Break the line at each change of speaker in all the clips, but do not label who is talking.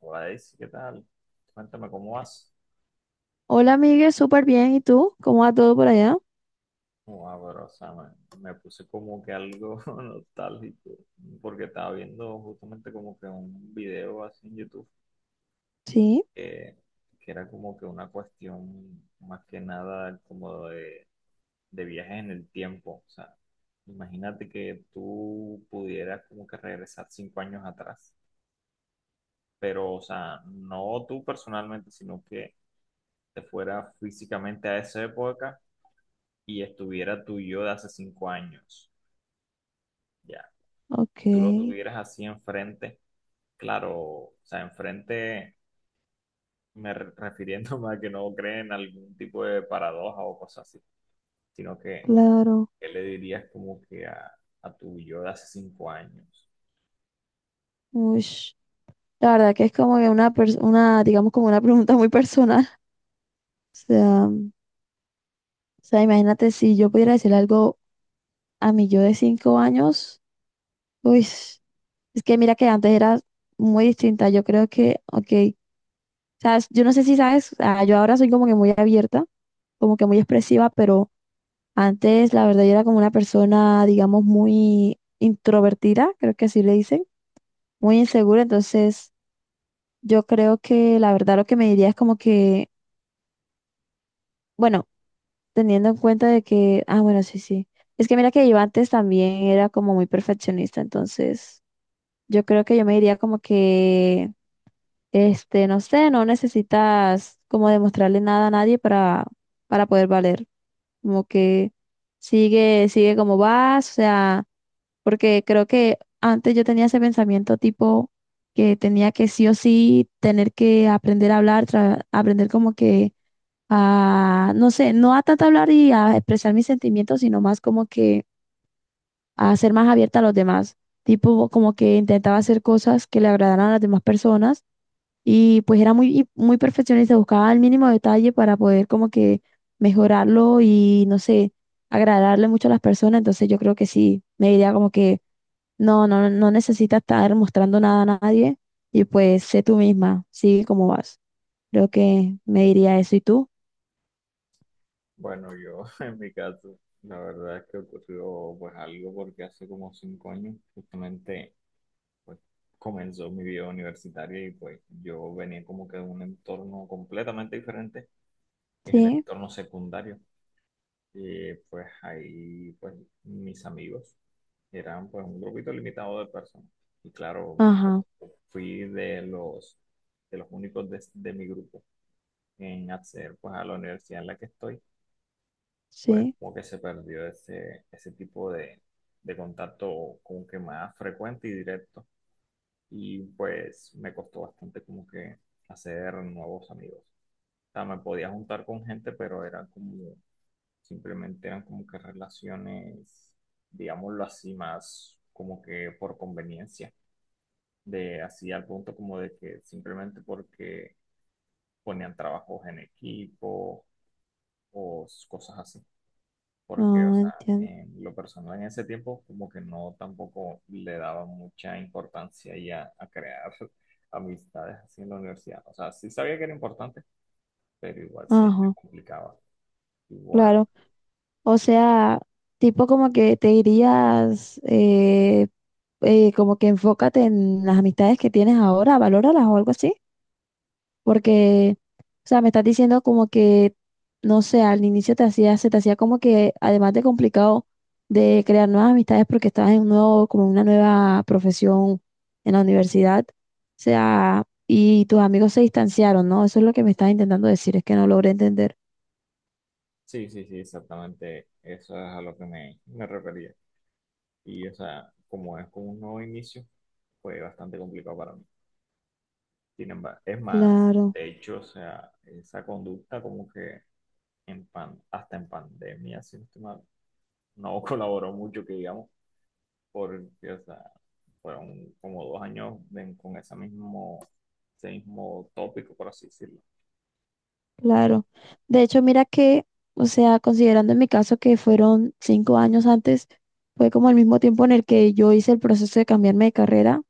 Guadalupe, ¿qué tal? Cuéntame cómo vas.
Hola, Miguel, súper bien. ¿Y tú? ¿Cómo va todo por allá?
Wow, pero, o sea, me puse como que algo nostálgico, porque estaba viendo justamente como que un video así en YouTube
Sí,
que, que era como que una cuestión más que nada como de viajes en el tiempo. O sea, imagínate que tú pudieras como que regresar 5 años atrás, pero, o sea, no tú personalmente, sino que te fuera físicamente a esa época y estuviera tu yo de hace 5 años, ya,
ok,
y tú lo tuvieras así enfrente, claro, o sea, enfrente, refiriéndome a que no creen en algún tipo de paradoja o cosas así, sino que,
claro.
¿qué le dirías como que a, tu yo de hace 5 años?
Ush. La verdad que es como que una, digamos, como una pregunta muy personal. O sea, imagínate si yo pudiera decirle algo a mi yo de 5 años. Uy, es que mira que antes era muy distinta. Yo creo que, ok, sabes, yo no sé si sabes, yo ahora soy como que muy abierta, como que muy expresiva, pero antes, la verdad, yo era como una persona, digamos, muy introvertida, creo que así le dicen, muy insegura. Entonces, yo creo que la verdad lo que me diría es como que, bueno, teniendo en cuenta de que, bueno, sí, sí. Es que mira que yo antes también era como muy perfeccionista. Entonces, yo creo que yo me diría como que, no sé, no necesitas como demostrarle nada a nadie para poder valer. Como que sigue, sigue como vas, o sea. Porque creo que antes yo tenía ese pensamiento tipo que tenía que sí o sí tener que aprender a hablar, aprender como que a, no sé, no a tanto hablar y a expresar mis sentimientos, sino más como que a ser más abierta a los demás. Tipo como que intentaba hacer cosas que le agradaran a las demás personas y pues era muy perfeccionista, buscaba el mínimo detalle para poder como que mejorarlo y no sé, agradarle mucho a las personas. Entonces yo creo que sí, me diría como que no, no, no necesitas estar mostrando nada a nadie y pues sé tú misma, sigue como vas. Creo que me diría eso. ¿Y tú?
Bueno, yo en mi caso, la verdad es que ocurrió pues algo porque hace como 5 años justamente pues comenzó mi vida universitaria y pues yo venía como que de un entorno completamente diferente que es el
Sí,
entorno secundario. Y pues ahí, pues mis amigos eran pues un grupito limitado de personas. Y claro,
ajá,
fui de los, únicos de mi grupo en acceder pues a la universidad en la que estoy. Pues
sí,
como que se perdió ese, tipo de contacto como que más frecuente y directo. Y pues me costó bastante como que hacer nuevos amigos. O sea, me podía juntar con gente, pero era como simplemente eran como que relaciones, digámoslo así, más como que por conveniencia, de así al punto como de que simplemente porque ponían trabajos en equipo o cosas así. Porque, o
no
sea,
entiendo.
en lo personal en ese tiempo como que no tampoco le daba mucha importancia y a crear amistades así en la universidad. O sea, sí sabía que era importante, pero igual se me
Ajá,
complicaba. Igual.
claro. O sea, tipo como que te dirías, como que enfócate en las amistades que tienes ahora, valóralas o algo así. Porque, o sea, me estás diciendo como que, no sé, al inicio se te hacía como que, además de complicado de crear nuevas amistades porque estabas en un nuevo, como una nueva profesión en la universidad, o sea, y tus amigos se distanciaron, ¿no? Eso es lo que me estás intentando decir, es que no logré entender.
Sí, sí, sí, exactamente. Eso es a lo que me refería. Y, o sea, como es como un nuevo inicio, fue bastante complicado para mí. Sin embargo, es más,
Claro,
de hecho, o sea, esa conducta como que hasta en pandemia, si no estoy mal, no colaboró mucho, que digamos, porque, o sea, fueron como 2 años con ese mismo, tópico, por así decirlo.
claro. De hecho, mira que, o sea, considerando en mi caso que fueron 5 años antes, fue como el mismo tiempo en el que yo hice el proceso de cambiarme de carrera.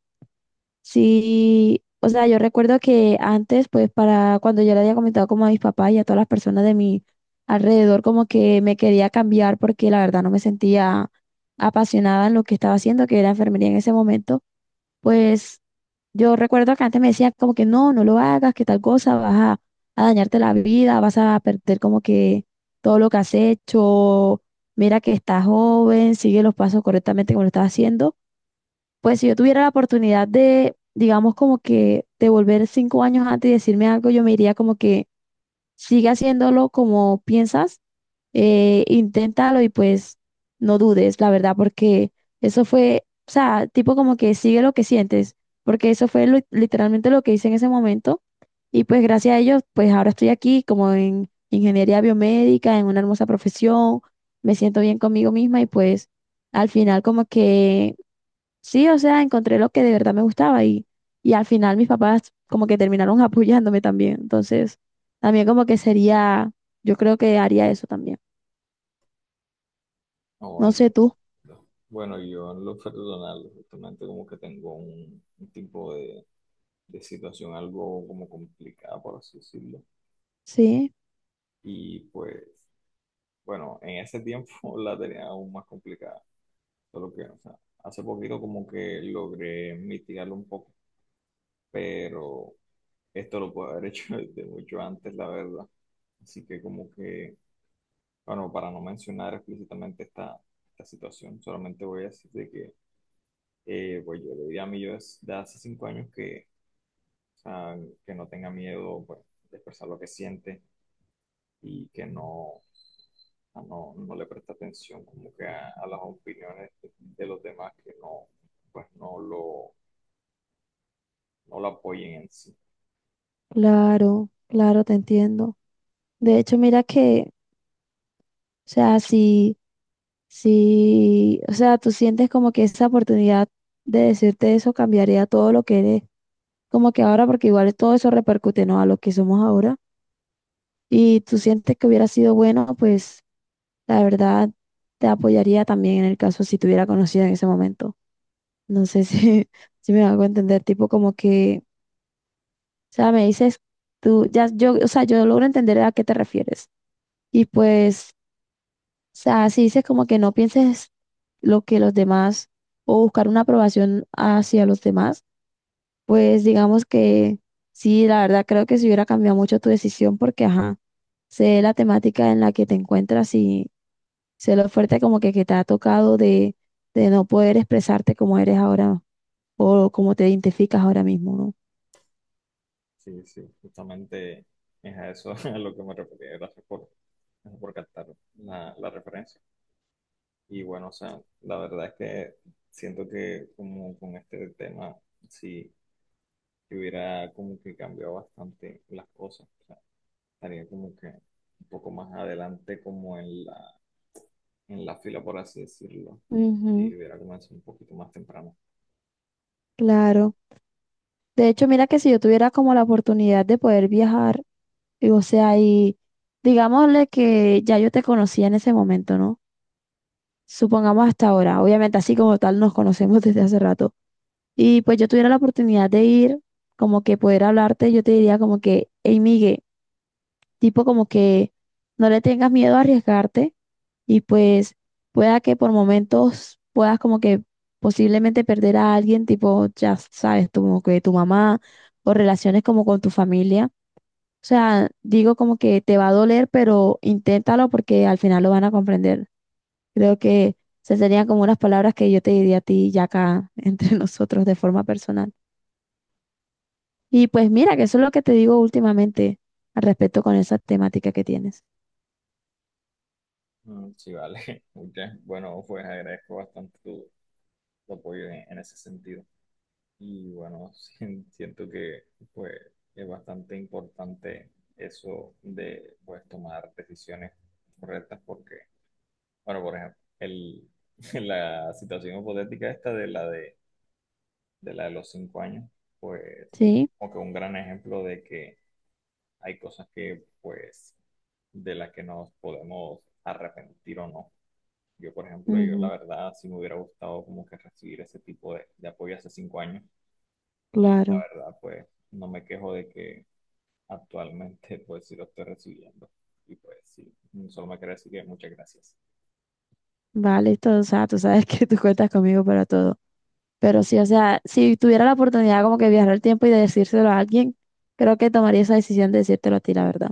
Sí, o sea, yo recuerdo que antes, pues para cuando yo le había comentado como a mis papás y a todas las personas de mi alrededor, como que me quería cambiar porque la verdad no me sentía apasionada en lo que estaba haciendo, que era enfermería en ese momento, pues yo recuerdo que antes me decían como que no, no lo hagas, que tal cosa, vas a dañarte la vida, vas a perder como que todo lo que has hecho, mira que estás joven, sigue los pasos correctamente como lo estás haciendo. Pues si yo tuviera la oportunidad de, digamos, como que de volver 5 años antes y decirme algo, yo me diría como que sigue haciéndolo como piensas, inténtalo y pues no dudes, la verdad, porque eso fue, o sea, tipo como que sigue lo que sientes, porque eso fue literalmente lo que hice en ese momento y pues gracias a ellos, pues ahora estoy aquí como en ingeniería biomédica, en una hermosa profesión, me siento bien conmigo misma y pues al final como que, sí, o sea, encontré lo que de verdad me gustaba y al final mis papás como que terminaron apoyándome también. Entonces, también como que sería, yo creo que haría eso también.
No,
No sé
entiendo.
tú.
Bueno, yo en lo personal, justamente como que tengo un, tipo de situación algo como complicada, por así decirlo.
Sí,
Y pues, bueno, en ese tiempo la tenía aún más complicada, solo que, o sea, hace poquito como que logré mitigarlo un poco, pero esto lo puedo haber hecho desde mucho antes, la verdad. Así que como que, bueno, para no mencionar explícitamente esta, situación, solamente voy a decir de que, pues yo le diría a mi yo de hace 5 años que sea, que no tenga miedo pues, de expresar lo que siente y que no, a no le preste atención como que a, las opiniones de los demás que no, pues no lo apoyen en sí.
claro, claro, te entiendo. De hecho, mira que, o sea, si, o sea, tú sientes como que esa oportunidad de decirte eso cambiaría todo lo que eres, como que ahora, porque igual todo eso repercute, ¿no? A lo que somos ahora. Y tú sientes que hubiera sido bueno, pues la verdad, te apoyaría también en el caso si te hubiera conocido en ese momento. No sé si, si me hago entender, tipo como que, o sea, me dices tú, ya, yo, o sea, yo logro entender a qué te refieres. Y pues, o sea, si dices como que no pienses lo que los demás o buscar una aprobación hacia los demás, pues digamos que sí, la verdad creo que si hubiera cambiado mucho tu decisión porque, ajá, sé la temática en la que te encuentras y sé lo fuerte como que te ha tocado de no poder expresarte como eres ahora o como te identificas ahora mismo, ¿no?
Sí, sí, justamente es a eso a lo que me refería. Gracias por captar la referencia. Y bueno, o sea, la verdad es que siento que como con este tema, sí, que hubiera como que cambiado bastante las cosas. O sea, estaría como que un poco más adelante como en la, fila, por así decirlo.
Ujú,
Y hubiera comenzado un poquito más temprano.
claro. De hecho, mira que si yo tuviera como la oportunidad de poder viajar, y, o sea, y digámosle que ya yo te conocía en ese momento, ¿no? Supongamos hasta ahora, obviamente así como tal nos conocemos desde hace rato. Y pues yo tuviera la oportunidad de ir, como que poder hablarte, yo te diría como que, hey, Migue, tipo como que no le tengas miedo a arriesgarte y pues pueda que por momentos puedas como que posiblemente perder a alguien, tipo, ya sabes, como que tu mamá o relaciones como con tu familia. O sea, digo como que te va a doler, pero inténtalo porque al final lo van a comprender. Creo que esas serían como unas palabras que yo te diría a ti ya acá entre nosotros de forma personal. Y pues mira, que eso es lo que te digo últimamente al respecto con esa temática que tienes.
Mm, sí, vale. Bueno, pues agradezco bastante tu, apoyo en ese sentido. Y bueno, sí, siento que pues es bastante importante eso de pues tomar decisiones correctas porque bueno, por ejemplo, la situación hipotética esta de la de los 5 años, pues,
Sí,
como que un gran ejemplo de que hay cosas que, pues, de las que nos podemos arrepentir o no. Yo, por ejemplo, yo la
ujú,
verdad sí me hubiera gustado como que recibir ese tipo de apoyo hace 5 años y la
claro.
verdad, pues, no me quejo de que actualmente, pues, sí lo estoy recibiendo. Y pues, sí, solo me queda decir que muchas gracias.
Vale, todo, o sea, tú sabes que tú cuentas conmigo para todo. Pero sí, o sea, si tuviera la oportunidad como que de viajar el tiempo y de decírselo a alguien, creo que tomaría esa decisión de decírtelo a ti, la verdad.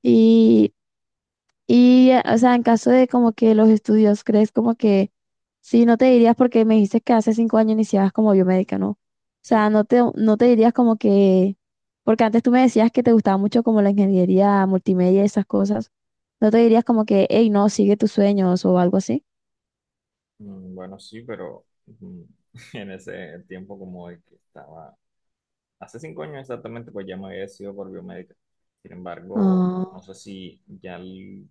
Y, y, o sea, en caso de como que los estudios, ¿crees como que sí, no te dirías porque me dijiste que hace 5 años iniciabas como biomédica, ¿no? O
Sí,
sea, no te dirías como que, porque antes tú me decías que te gustaba mucho como la ingeniería multimedia y esas cosas, no te dirías como que, hey, no, sigue tus sueños o algo así.
mm, bueno, sí, pero en ese tiempo como el que estaba, hace 5 años exactamente, pues ya me había decidido por biomédica. Sin embargo, no
Ah,
sé si ya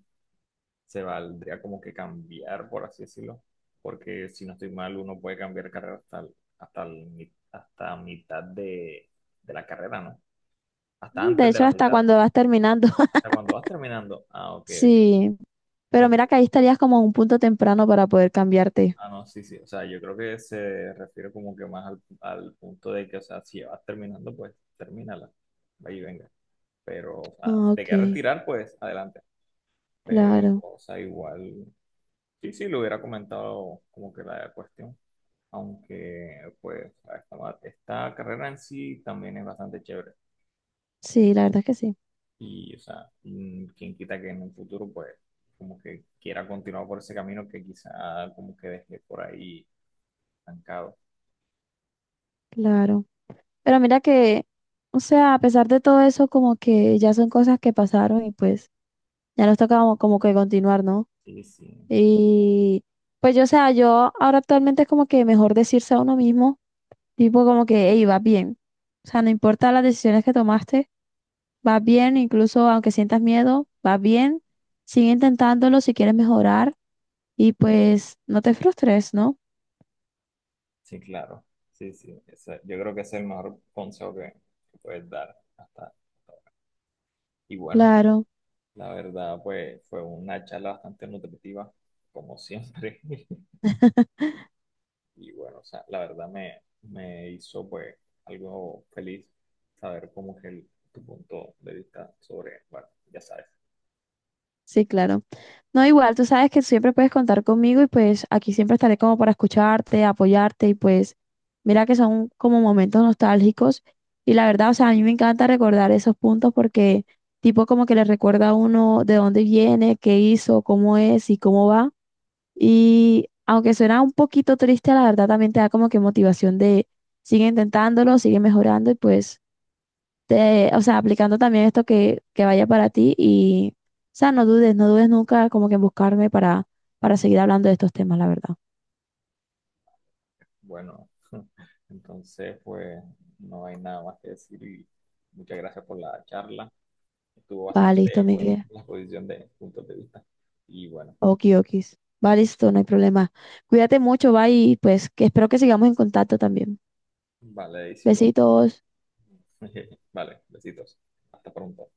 se valdría como que cambiar, por así decirlo, porque si no estoy mal, uno puede cambiar carrera hasta, hasta, hasta mitad de, la carrera, ¿no? Hasta
mm, de
antes de
hecho,
la
hasta
mitad,
cuando vas terminando.
hasta cuando vas terminando. Ah, ok,
Sí, pero mira que
ok.
ahí estarías como a un punto temprano para poder cambiarte.
Ah, no, sí, sí. O sea, yo creo que se refiere como que más al punto de que, o sea, si ya vas terminando, pues termínala. Ahí venga. Pero, o sea,
Ah,
si te
ok,
quieres retirar, pues adelante. Pero,
claro.
o sea, igual, sí, sí, le hubiera comentado como que la cuestión. Aunque, pues, esta carrera en sí también es bastante chévere.
Sí, la verdad es que sí,
Y, o sea, quien quita que en un futuro, pues, como que quiera continuar por ese camino que quizá como que dejé por ahí estancado.
claro. Pero mira que, o sea, a pesar de todo eso, como que ya son cosas que pasaron y pues ya nos toca como que continuar, ¿no?
Sí, sí.
Y pues yo, o sea, yo ahora actualmente es como que mejor decirse a uno mismo, tipo como que, hey, vas bien. O sea, no importa las decisiones que tomaste. Vas bien, incluso aunque sientas miedo, vas bien. Sigue intentándolo si quieres mejorar y pues no te frustres, ¿no?
Sí, claro. Sí, sí. Yo creo que ese es el mejor consejo que, puedes dar hasta. Y bueno,
Claro.
la verdad, pues fue una charla bastante nutritiva, como siempre. Y bueno, o sea, la verdad me hizo pues algo feliz saber cómo es tu punto de vista sobre, bueno, ya sabes.
Sí, claro. No, igual, tú sabes que siempre puedes contar conmigo y pues aquí siempre estaré como para escucharte, apoyarte y pues mira que son como momentos nostálgicos y la verdad, o sea, a mí me encanta recordar esos puntos porque tipo como que le recuerda a uno de dónde viene, qué hizo, cómo es y cómo va. Y aunque suena un poquito triste, la verdad también te da como que motivación de sigue intentándolo, sigue mejorando y pues, o sea, aplicando también esto que vaya para ti y, o sea, no dudes, no dudes nunca como que en buscarme para seguir hablando de estos temas, la verdad.
Bueno, entonces pues no hay nada más que decir y muchas gracias por la charla. Estuvo
Va,
bastante,
listo,
pues,
Miguel.
la exposición de puntos de vista. Y bueno,
Okiokis. Va, listo, no hay problema. Cuídate mucho, va y pues que espero que sigamos en contacto también.
vale, es igual.
Besitos.
Vale, besitos. Hasta pronto.